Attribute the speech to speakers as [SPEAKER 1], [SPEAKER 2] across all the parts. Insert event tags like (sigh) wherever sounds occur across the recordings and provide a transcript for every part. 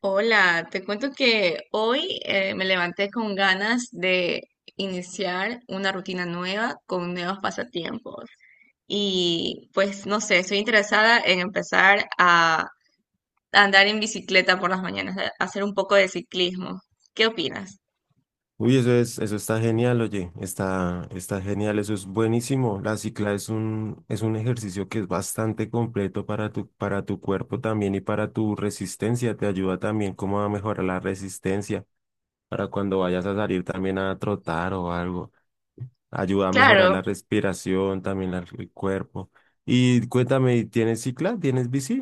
[SPEAKER 1] Hola, te cuento que hoy me levanté con ganas de iniciar una rutina nueva con nuevos pasatiempos. Y pues no sé, estoy interesada en empezar a andar en bicicleta por las mañanas, a hacer un poco de ciclismo. ¿Qué opinas?
[SPEAKER 2] Uy, eso es, eso está genial, oye, está genial, eso es buenísimo. La cicla es un ejercicio que es bastante completo para tu cuerpo también y para tu resistencia. Te ayuda también como a mejorar la resistencia para cuando vayas a salir también a trotar o algo. Ayuda a mejorar la
[SPEAKER 1] Claro,
[SPEAKER 2] respiración, también el cuerpo. Y cuéntame, ¿tienes cicla? ¿Tienes bici?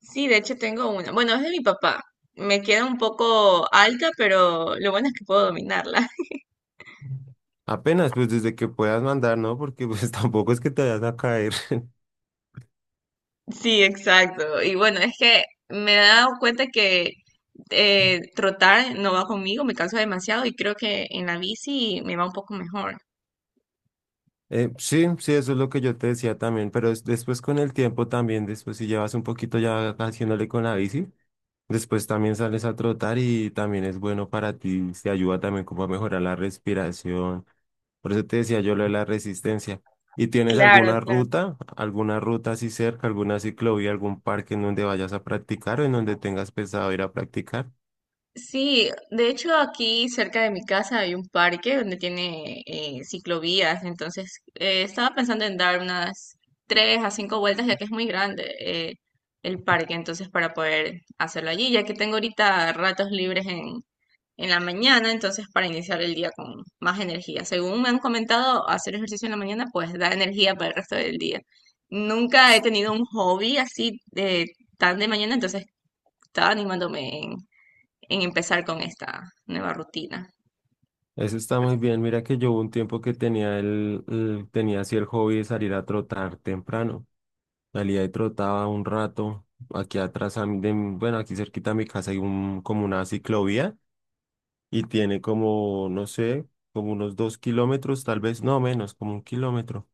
[SPEAKER 1] sí, de hecho tengo una. Bueno, es de mi papá. Me queda un poco alta, pero lo bueno es que puedo dominarla.
[SPEAKER 2] Apenas, pues desde que puedas mandar, ¿no? Porque pues (laughs) tampoco es que te vayas a caer.
[SPEAKER 1] Sí, exacto. Y bueno, es que me he dado cuenta que trotar no va conmigo, me canso demasiado y creo que en la bici me va un poco mejor.
[SPEAKER 2] Sí, sí, eso es lo que yo te decía también, pero después con el tiempo también, después si llevas un poquito ya haciéndole con la bici, después también sales a trotar y también es bueno para ti, te ayuda también como a mejorar la respiración. Por eso te decía yo lo de la resistencia. ¿Y tienes
[SPEAKER 1] Claro,
[SPEAKER 2] alguna
[SPEAKER 1] claro.
[SPEAKER 2] ruta, alguna ruta así cerca, alguna ciclovía, algún parque en donde vayas a practicar o en donde tengas pensado ir a practicar?
[SPEAKER 1] Sí, de hecho aquí cerca de mi casa hay un parque donde tiene ciclovías, entonces estaba pensando en dar unas tres a cinco vueltas ya que es muy grande el parque, entonces para poder hacerlo allí, ya que tengo ahorita ratos libres en la mañana, entonces para iniciar el día con más energía. Según me han comentado, hacer ejercicio en la mañana pues da energía para el resto del día. Nunca he tenido un hobby así de tan de mañana, entonces estaba animándome en empezar con esta nueva rutina.
[SPEAKER 2] Eso está muy bien. Mira que yo hubo un tiempo que tenía tenía así el hobby de salir a trotar temprano. Salía y trotaba un rato. Aquí atrás, a mí de mi- bueno, aquí cerquita de mi casa hay un, como una ciclovía y tiene como, no sé, como unos 2 kilómetros, tal vez, no menos, como 1 kilómetro.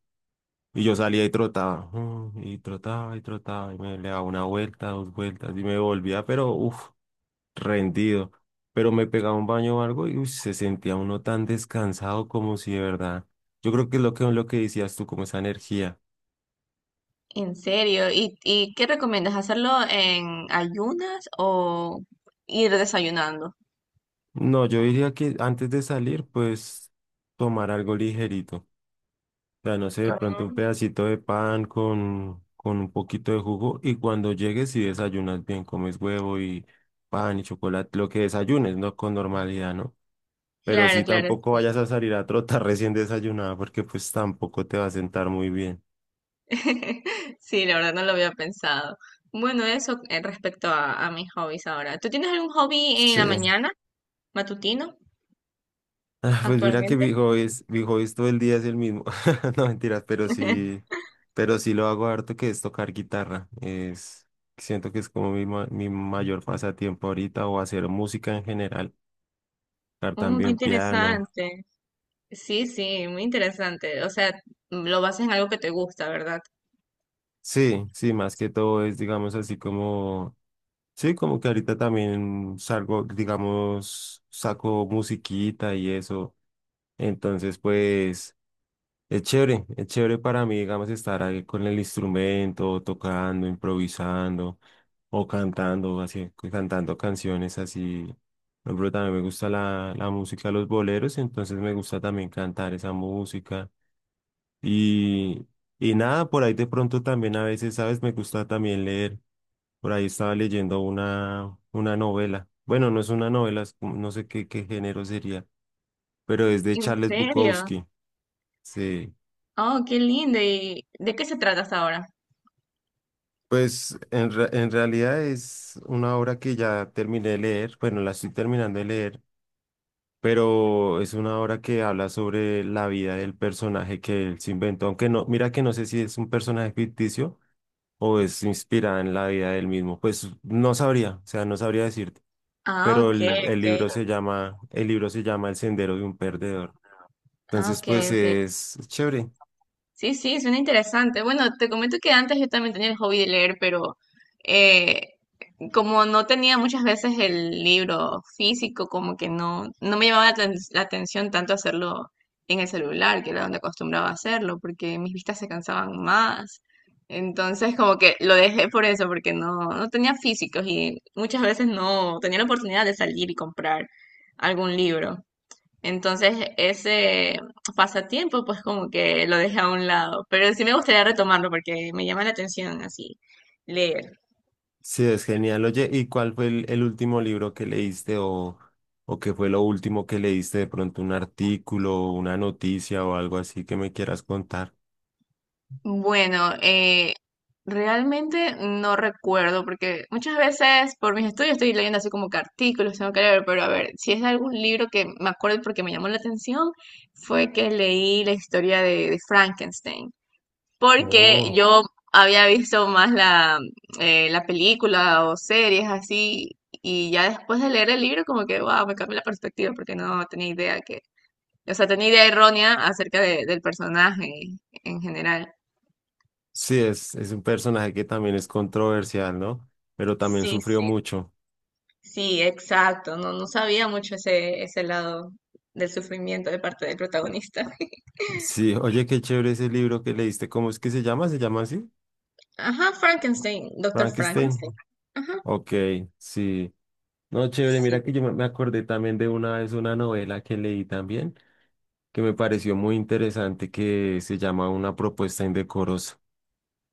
[SPEAKER 2] Y yo salía y trotaba, y trotaba y trotaba, y me le daba una vuelta, dos vueltas, y me volvía, pero uff, rendido. Pero me pegaba un baño o algo y uy, se sentía uno tan descansado como si de verdad. Yo creo que es lo que decías tú, como esa energía.
[SPEAKER 1] En serio, y qué recomiendas? ¿Hacerlo en ayunas o ir desayunando?
[SPEAKER 2] No, yo diría que antes de salir, pues tomar algo ligerito. O sea, no sé, de
[SPEAKER 1] Claro.
[SPEAKER 2] pronto un
[SPEAKER 1] Mm.
[SPEAKER 2] pedacito de pan con, un poquito de jugo y cuando llegues si desayunas bien, comes huevo y pan y chocolate, lo que desayunes, ¿no? Con normalidad, ¿no? Pero
[SPEAKER 1] Claro,
[SPEAKER 2] sí
[SPEAKER 1] claro.
[SPEAKER 2] tampoco vayas a salir a trotar (laughs) recién desayunada porque pues tampoco te va a sentar muy bien.
[SPEAKER 1] (laughs) Sí, la verdad no lo había pensado. Bueno, eso respecto a mis hobbies ahora. ¿Tú tienes algún hobby en la
[SPEAKER 2] Sí.
[SPEAKER 1] mañana, matutino,
[SPEAKER 2] Ah, pues mira que
[SPEAKER 1] actualmente?
[SPEAKER 2] mi hobby es todo el día es el mismo. (laughs) No mentiras, pero sí,
[SPEAKER 1] (laughs)
[SPEAKER 2] lo hago harto que es tocar guitarra. Es, siento que es como mi mayor pasatiempo ahorita o hacer música en general, tocar
[SPEAKER 1] Oh, qué
[SPEAKER 2] también piano.
[SPEAKER 1] interesante. Sí, sí, muy interesante. O sea, lo basas en algo que te gusta, ¿verdad?
[SPEAKER 2] Sí, sí, más que todo es, digamos, así como, sí, como que ahorita también salgo, digamos, saco musiquita y eso. Entonces, pues... es chévere para mí, digamos, estar ahí con el instrumento, tocando, improvisando o cantando, así, cantando canciones así. Por ejemplo, también me gusta la música, los boleros, entonces me gusta también cantar esa música. Y, y nada, por ahí de pronto también a veces, ¿sabes? Me gusta también leer. Por ahí estaba leyendo una novela. Bueno, no es una novela, es como- no sé qué género sería, pero es de
[SPEAKER 1] ¿En
[SPEAKER 2] Charles
[SPEAKER 1] serio?
[SPEAKER 2] Bukowski. Sí.
[SPEAKER 1] Oh, qué lindo. ¿Y de qué se trata hasta ahora?
[SPEAKER 2] Pues en realidad es una obra que ya terminé de leer, bueno, la estoy terminando de leer, pero es una obra que habla sobre la vida del personaje que él se inventó, aunque no, mira que no sé si es un personaje ficticio o es inspirada en la vida del mismo, pues no sabría, o sea, no sabría decirte,
[SPEAKER 1] Ah,
[SPEAKER 2] pero
[SPEAKER 1] ok,
[SPEAKER 2] el
[SPEAKER 1] ok.
[SPEAKER 2] libro se llama, El sendero de un perdedor,
[SPEAKER 1] Ah,
[SPEAKER 2] entonces
[SPEAKER 1] ok,
[SPEAKER 2] pues
[SPEAKER 1] ok.
[SPEAKER 2] es chévere.
[SPEAKER 1] Sí, sí, suena interesante. Bueno, te comento que antes yo también tenía el hobby de leer, pero eh, como no tenía muchas veces el libro físico, como que no, no me llamaba la atención tanto hacerlo en el celular, que era donde acostumbraba a hacerlo, porque mis vistas se cansaban más. Entonces, como que lo dejé por eso, porque no, no tenía físicos y muchas veces no tenía la oportunidad de salir y comprar algún libro. Entonces, ese pasatiempo, pues como que lo dejé a un lado, pero sí me gustaría retomarlo porque me llama la atención así, leer.
[SPEAKER 2] Sí, es genial. Oye, ¿y cuál fue el último libro que leíste o qué fue lo último que leíste? De pronto un artículo, una noticia o algo así que me quieras contar.
[SPEAKER 1] Bueno, realmente no recuerdo, porque muchas veces por mis estudios estoy leyendo así como que artículos, tengo que leer, pero a ver, si es algún libro que me acuerdo porque me llamó la atención, fue que leí la historia de Frankenstein, porque
[SPEAKER 2] Oh,
[SPEAKER 1] yo había visto más la película o series así, y ya después de leer el libro como que, wow, me cambió la perspectiva, porque no tenía idea que, o sea, tenía idea errónea acerca del personaje en general.
[SPEAKER 2] sí, es un personaje que también es controversial, ¿no? Pero también
[SPEAKER 1] Sí,
[SPEAKER 2] sufrió
[SPEAKER 1] sí.
[SPEAKER 2] mucho.
[SPEAKER 1] Sí, exacto. No, no sabía mucho ese, ese lado del sufrimiento de parte del protagonista. (laughs)
[SPEAKER 2] Sí, (laughs) oye, qué chévere ese libro que leíste. ¿Cómo es que se llama? ¿Se llama así?
[SPEAKER 1] Ajá, Frankenstein, Doctor
[SPEAKER 2] Frankenstein.
[SPEAKER 1] Frankenstein. Ajá,
[SPEAKER 2] Ok, sí. No, chévere,
[SPEAKER 1] sí.
[SPEAKER 2] mira que yo me acordé también de una vez una novela que leí también que me pareció muy interesante que se llama Una propuesta indecorosa.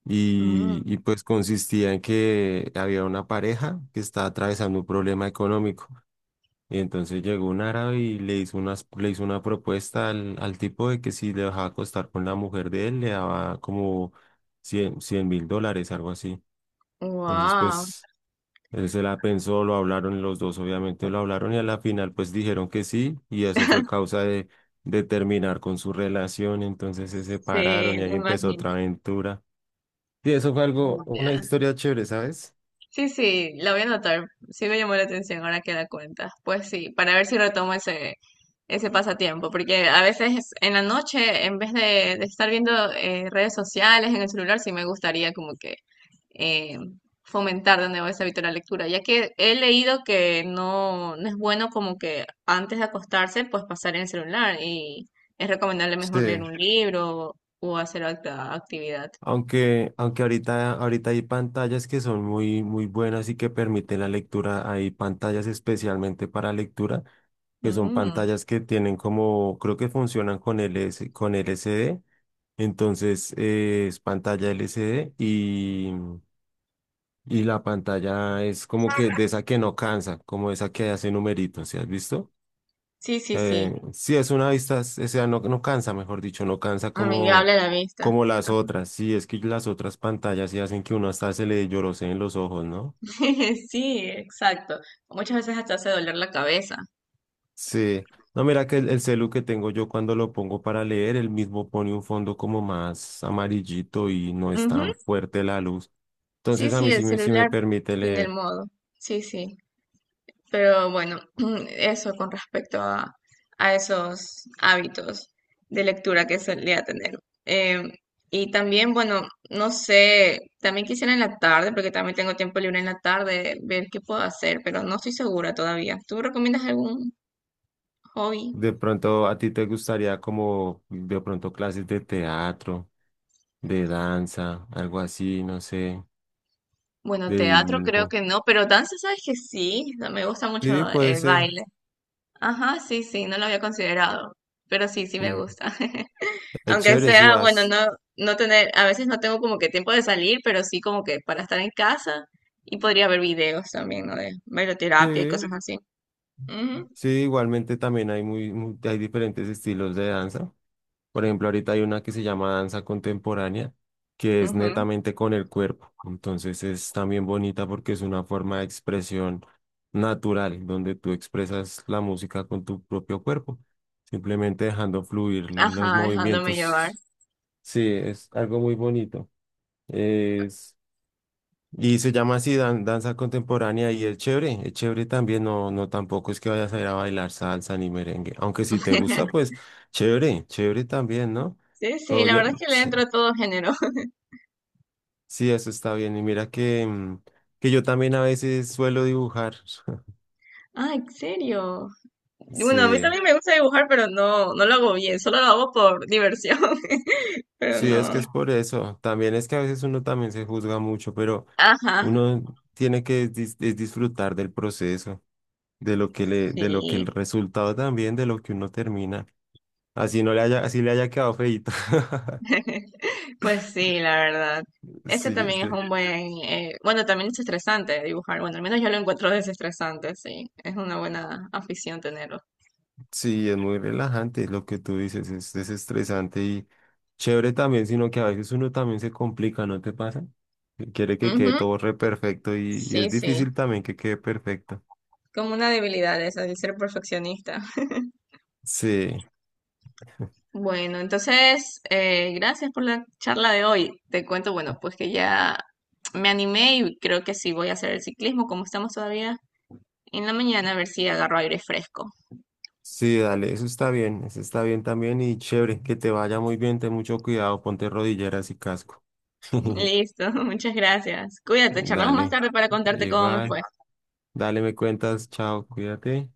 [SPEAKER 2] Y pues consistía en que había una pareja que estaba atravesando un problema económico. Y entonces llegó un árabe y le hizo unas, le hizo una propuesta al tipo de que si le dejaba acostar con la mujer de él, le daba como $100.000, algo así. Entonces,
[SPEAKER 1] Wow.
[SPEAKER 2] pues él se la pensó, lo hablaron los dos, obviamente lo hablaron y a la final pues dijeron que sí y eso fue causa de terminar con su relación, entonces se
[SPEAKER 1] Sí,
[SPEAKER 2] separaron y
[SPEAKER 1] me
[SPEAKER 2] ahí empezó
[SPEAKER 1] imagino.
[SPEAKER 2] otra aventura. Y eso fue algo, una
[SPEAKER 1] Ya.
[SPEAKER 2] historia chévere, ¿sabes?
[SPEAKER 1] Sí, sí, la voy a anotar. Sí me llamó la atención ahora que la cuentas. Pues sí, para ver si retomo ese, ese pasatiempo. Porque a veces en la noche, en vez de estar viendo redes sociales en el celular, sí me gustaría como que eh, fomentar de nuevo ese hábito de la lectura, ya que he leído que no, no es bueno como que antes de acostarse, pues pasar en el celular y es recomendable mejor leer
[SPEAKER 2] Sí,
[SPEAKER 1] un libro o hacer otra actividad.
[SPEAKER 2] aunque ahorita hay pantallas que son muy, buenas y que permiten la lectura, hay pantallas especialmente para lectura, que son
[SPEAKER 1] Mm.
[SPEAKER 2] pantallas que tienen como, creo que funcionan con LS, con LCD. Entonces es pantalla LCD y la pantalla es como que de esa que no cansa, como esa que hace numeritos, ¿sí has visto?
[SPEAKER 1] Sí, sí, sí,
[SPEAKER 2] Sí, es una vista, o sea, no, no cansa, mejor dicho, no cansa como,
[SPEAKER 1] amigable a la vista.
[SPEAKER 2] como las
[SPEAKER 1] (laughs)
[SPEAKER 2] otras. Sí, es que las otras pantallas sí hacen que uno hasta se le lloroseen los ojos, ¿no?
[SPEAKER 1] Sí, exacto. Muchas veces hasta hace doler la cabeza.
[SPEAKER 2] Sí. No, mira que el celu que tengo yo cuando lo pongo para leer, él mismo pone un fondo como más amarillito y no es
[SPEAKER 1] Ujú.
[SPEAKER 2] tan fuerte la luz.
[SPEAKER 1] Sí,
[SPEAKER 2] Entonces a mí
[SPEAKER 1] sí, el
[SPEAKER 2] sí me
[SPEAKER 1] celular
[SPEAKER 2] permite
[SPEAKER 1] tiene el
[SPEAKER 2] leer.
[SPEAKER 1] modo. Sí, sí. Pero bueno, (clears throat) eso con respecto a esos hábitos de lectura que solía tener. Em, y también, bueno, no sé, también quisiera en la tarde, porque también tengo tiempo libre en la tarde, ver qué puedo hacer, pero no estoy segura todavía. ¿Tú recomiendas algún hobby?
[SPEAKER 2] De pronto a ti te gustaría como de pronto clases de teatro, de danza, algo así, no sé,
[SPEAKER 1] Bueno,
[SPEAKER 2] de
[SPEAKER 1] teatro creo
[SPEAKER 2] dibujo.
[SPEAKER 1] que no, pero danza, sabes que sí, o sea, me gusta mucho
[SPEAKER 2] Sí, puede
[SPEAKER 1] el
[SPEAKER 2] ser.
[SPEAKER 1] baile. Ajá, sí, sí, no lo había considerado, pero sí, sí me
[SPEAKER 2] Sí.
[SPEAKER 1] gusta. (laughs)
[SPEAKER 2] Es
[SPEAKER 1] Aunque
[SPEAKER 2] chévere si
[SPEAKER 1] sea, bueno,
[SPEAKER 2] vas.
[SPEAKER 1] no, no tener, a veces no tengo como que tiempo de salir, pero sí como que para estar en casa y podría ver videos también, ¿no? De bailoterapia y cosas
[SPEAKER 2] Sí,
[SPEAKER 1] así. Ujú,
[SPEAKER 2] sí, igualmente también hay muy, hay diferentes estilos de danza. Por ejemplo, ahorita hay una que se llama danza contemporánea, que es
[SPEAKER 1] ujú.
[SPEAKER 2] netamente con el cuerpo. Entonces es también bonita porque es una forma de expresión natural, donde tú expresas la música con tu propio cuerpo, simplemente dejando fluir los
[SPEAKER 1] Ajá, dejándome llevar.
[SPEAKER 2] movimientos. Sí, es algo muy bonito. Es y se llama así danza contemporánea y es chévere también, no, no tampoco es que vayas a ir a bailar salsa ni merengue, aunque si te gusta,
[SPEAKER 1] (laughs)
[SPEAKER 2] pues chévere, chévere también, ¿no?
[SPEAKER 1] Sí, sí,
[SPEAKER 2] Todo
[SPEAKER 1] la
[SPEAKER 2] yo,
[SPEAKER 1] verdad es que le
[SPEAKER 2] sí,
[SPEAKER 1] entro a todo género. (laughs)
[SPEAKER 2] sí, eso está bien. Y mira que yo también a veces suelo dibujar. (laughs)
[SPEAKER 1] Ah, ¿en serio? Bueno, a mí
[SPEAKER 2] Sí,
[SPEAKER 1] también me gusta dibujar, pero no, no lo hago bien, solo lo hago por diversión. (laughs) Pero
[SPEAKER 2] sí, es
[SPEAKER 1] no.
[SPEAKER 2] que es por eso. También es que a veces uno también se juzga mucho, pero
[SPEAKER 1] Ajá,
[SPEAKER 2] uno tiene que es disfrutar del proceso, de lo que le, de lo que el
[SPEAKER 1] sí.
[SPEAKER 2] resultado también, de lo que uno termina. Así no le haya, así le haya quedado feíto. (laughs)
[SPEAKER 1] (laughs) Pues sí, la verdad. Ese
[SPEAKER 2] Sí,
[SPEAKER 1] también es un buen, bueno, también es estresante dibujar. Bueno, al menos yo lo encuentro desestresante, sí. Es una buena afición tenerlo.
[SPEAKER 2] sí, es muy relajante lo que tú dices, es desestresante y chévere también, sino que a veces uno también se complica, ¿no te pasa? Que quiere que quede
[SPEAKER 1] Ujú.
[SPEAKER 2] todo re perfecto y
[SPEAKER 1] Sí,
[SPEAKER 2] es
[SPEAKER 1] sí.
[SPEAKER 2] difícil también que quede perfecto.
[SPEAKER 1] Como una debilidad esa, el ser perfeccionista. (laughs)
[SPEAKER 2] Sí, (laughs)
[SPEAKER 1] Bueno, entonces, gracias por la charla de hoy. Te cuento, bueno, pues que ya me animé y creo que sí voy a hacer el ciclismo, como estamos todavía en la mañana, a ver si agarro aire fresco.
[SPEAKER 2] sí, dale, eso está bien también y chévere, que te vaya muy bien, ten mucho cuidado, ponte rodilleras y casco.
[SPEAKER 1] (laughs)
[SPEAKER 2] (laughs)
[SPEAKER 1] Listo, (laughs) muchas gracias. Cuídate, charlamos más
[SPEAKER 2] Dale,
[SPEAKER 1] tarde para contarte cómo me
[SPEAKER 2] igual,
[SPEAKER 1] fue.
[SPEAKER 2] dale, me cuentas, chao, cuídate.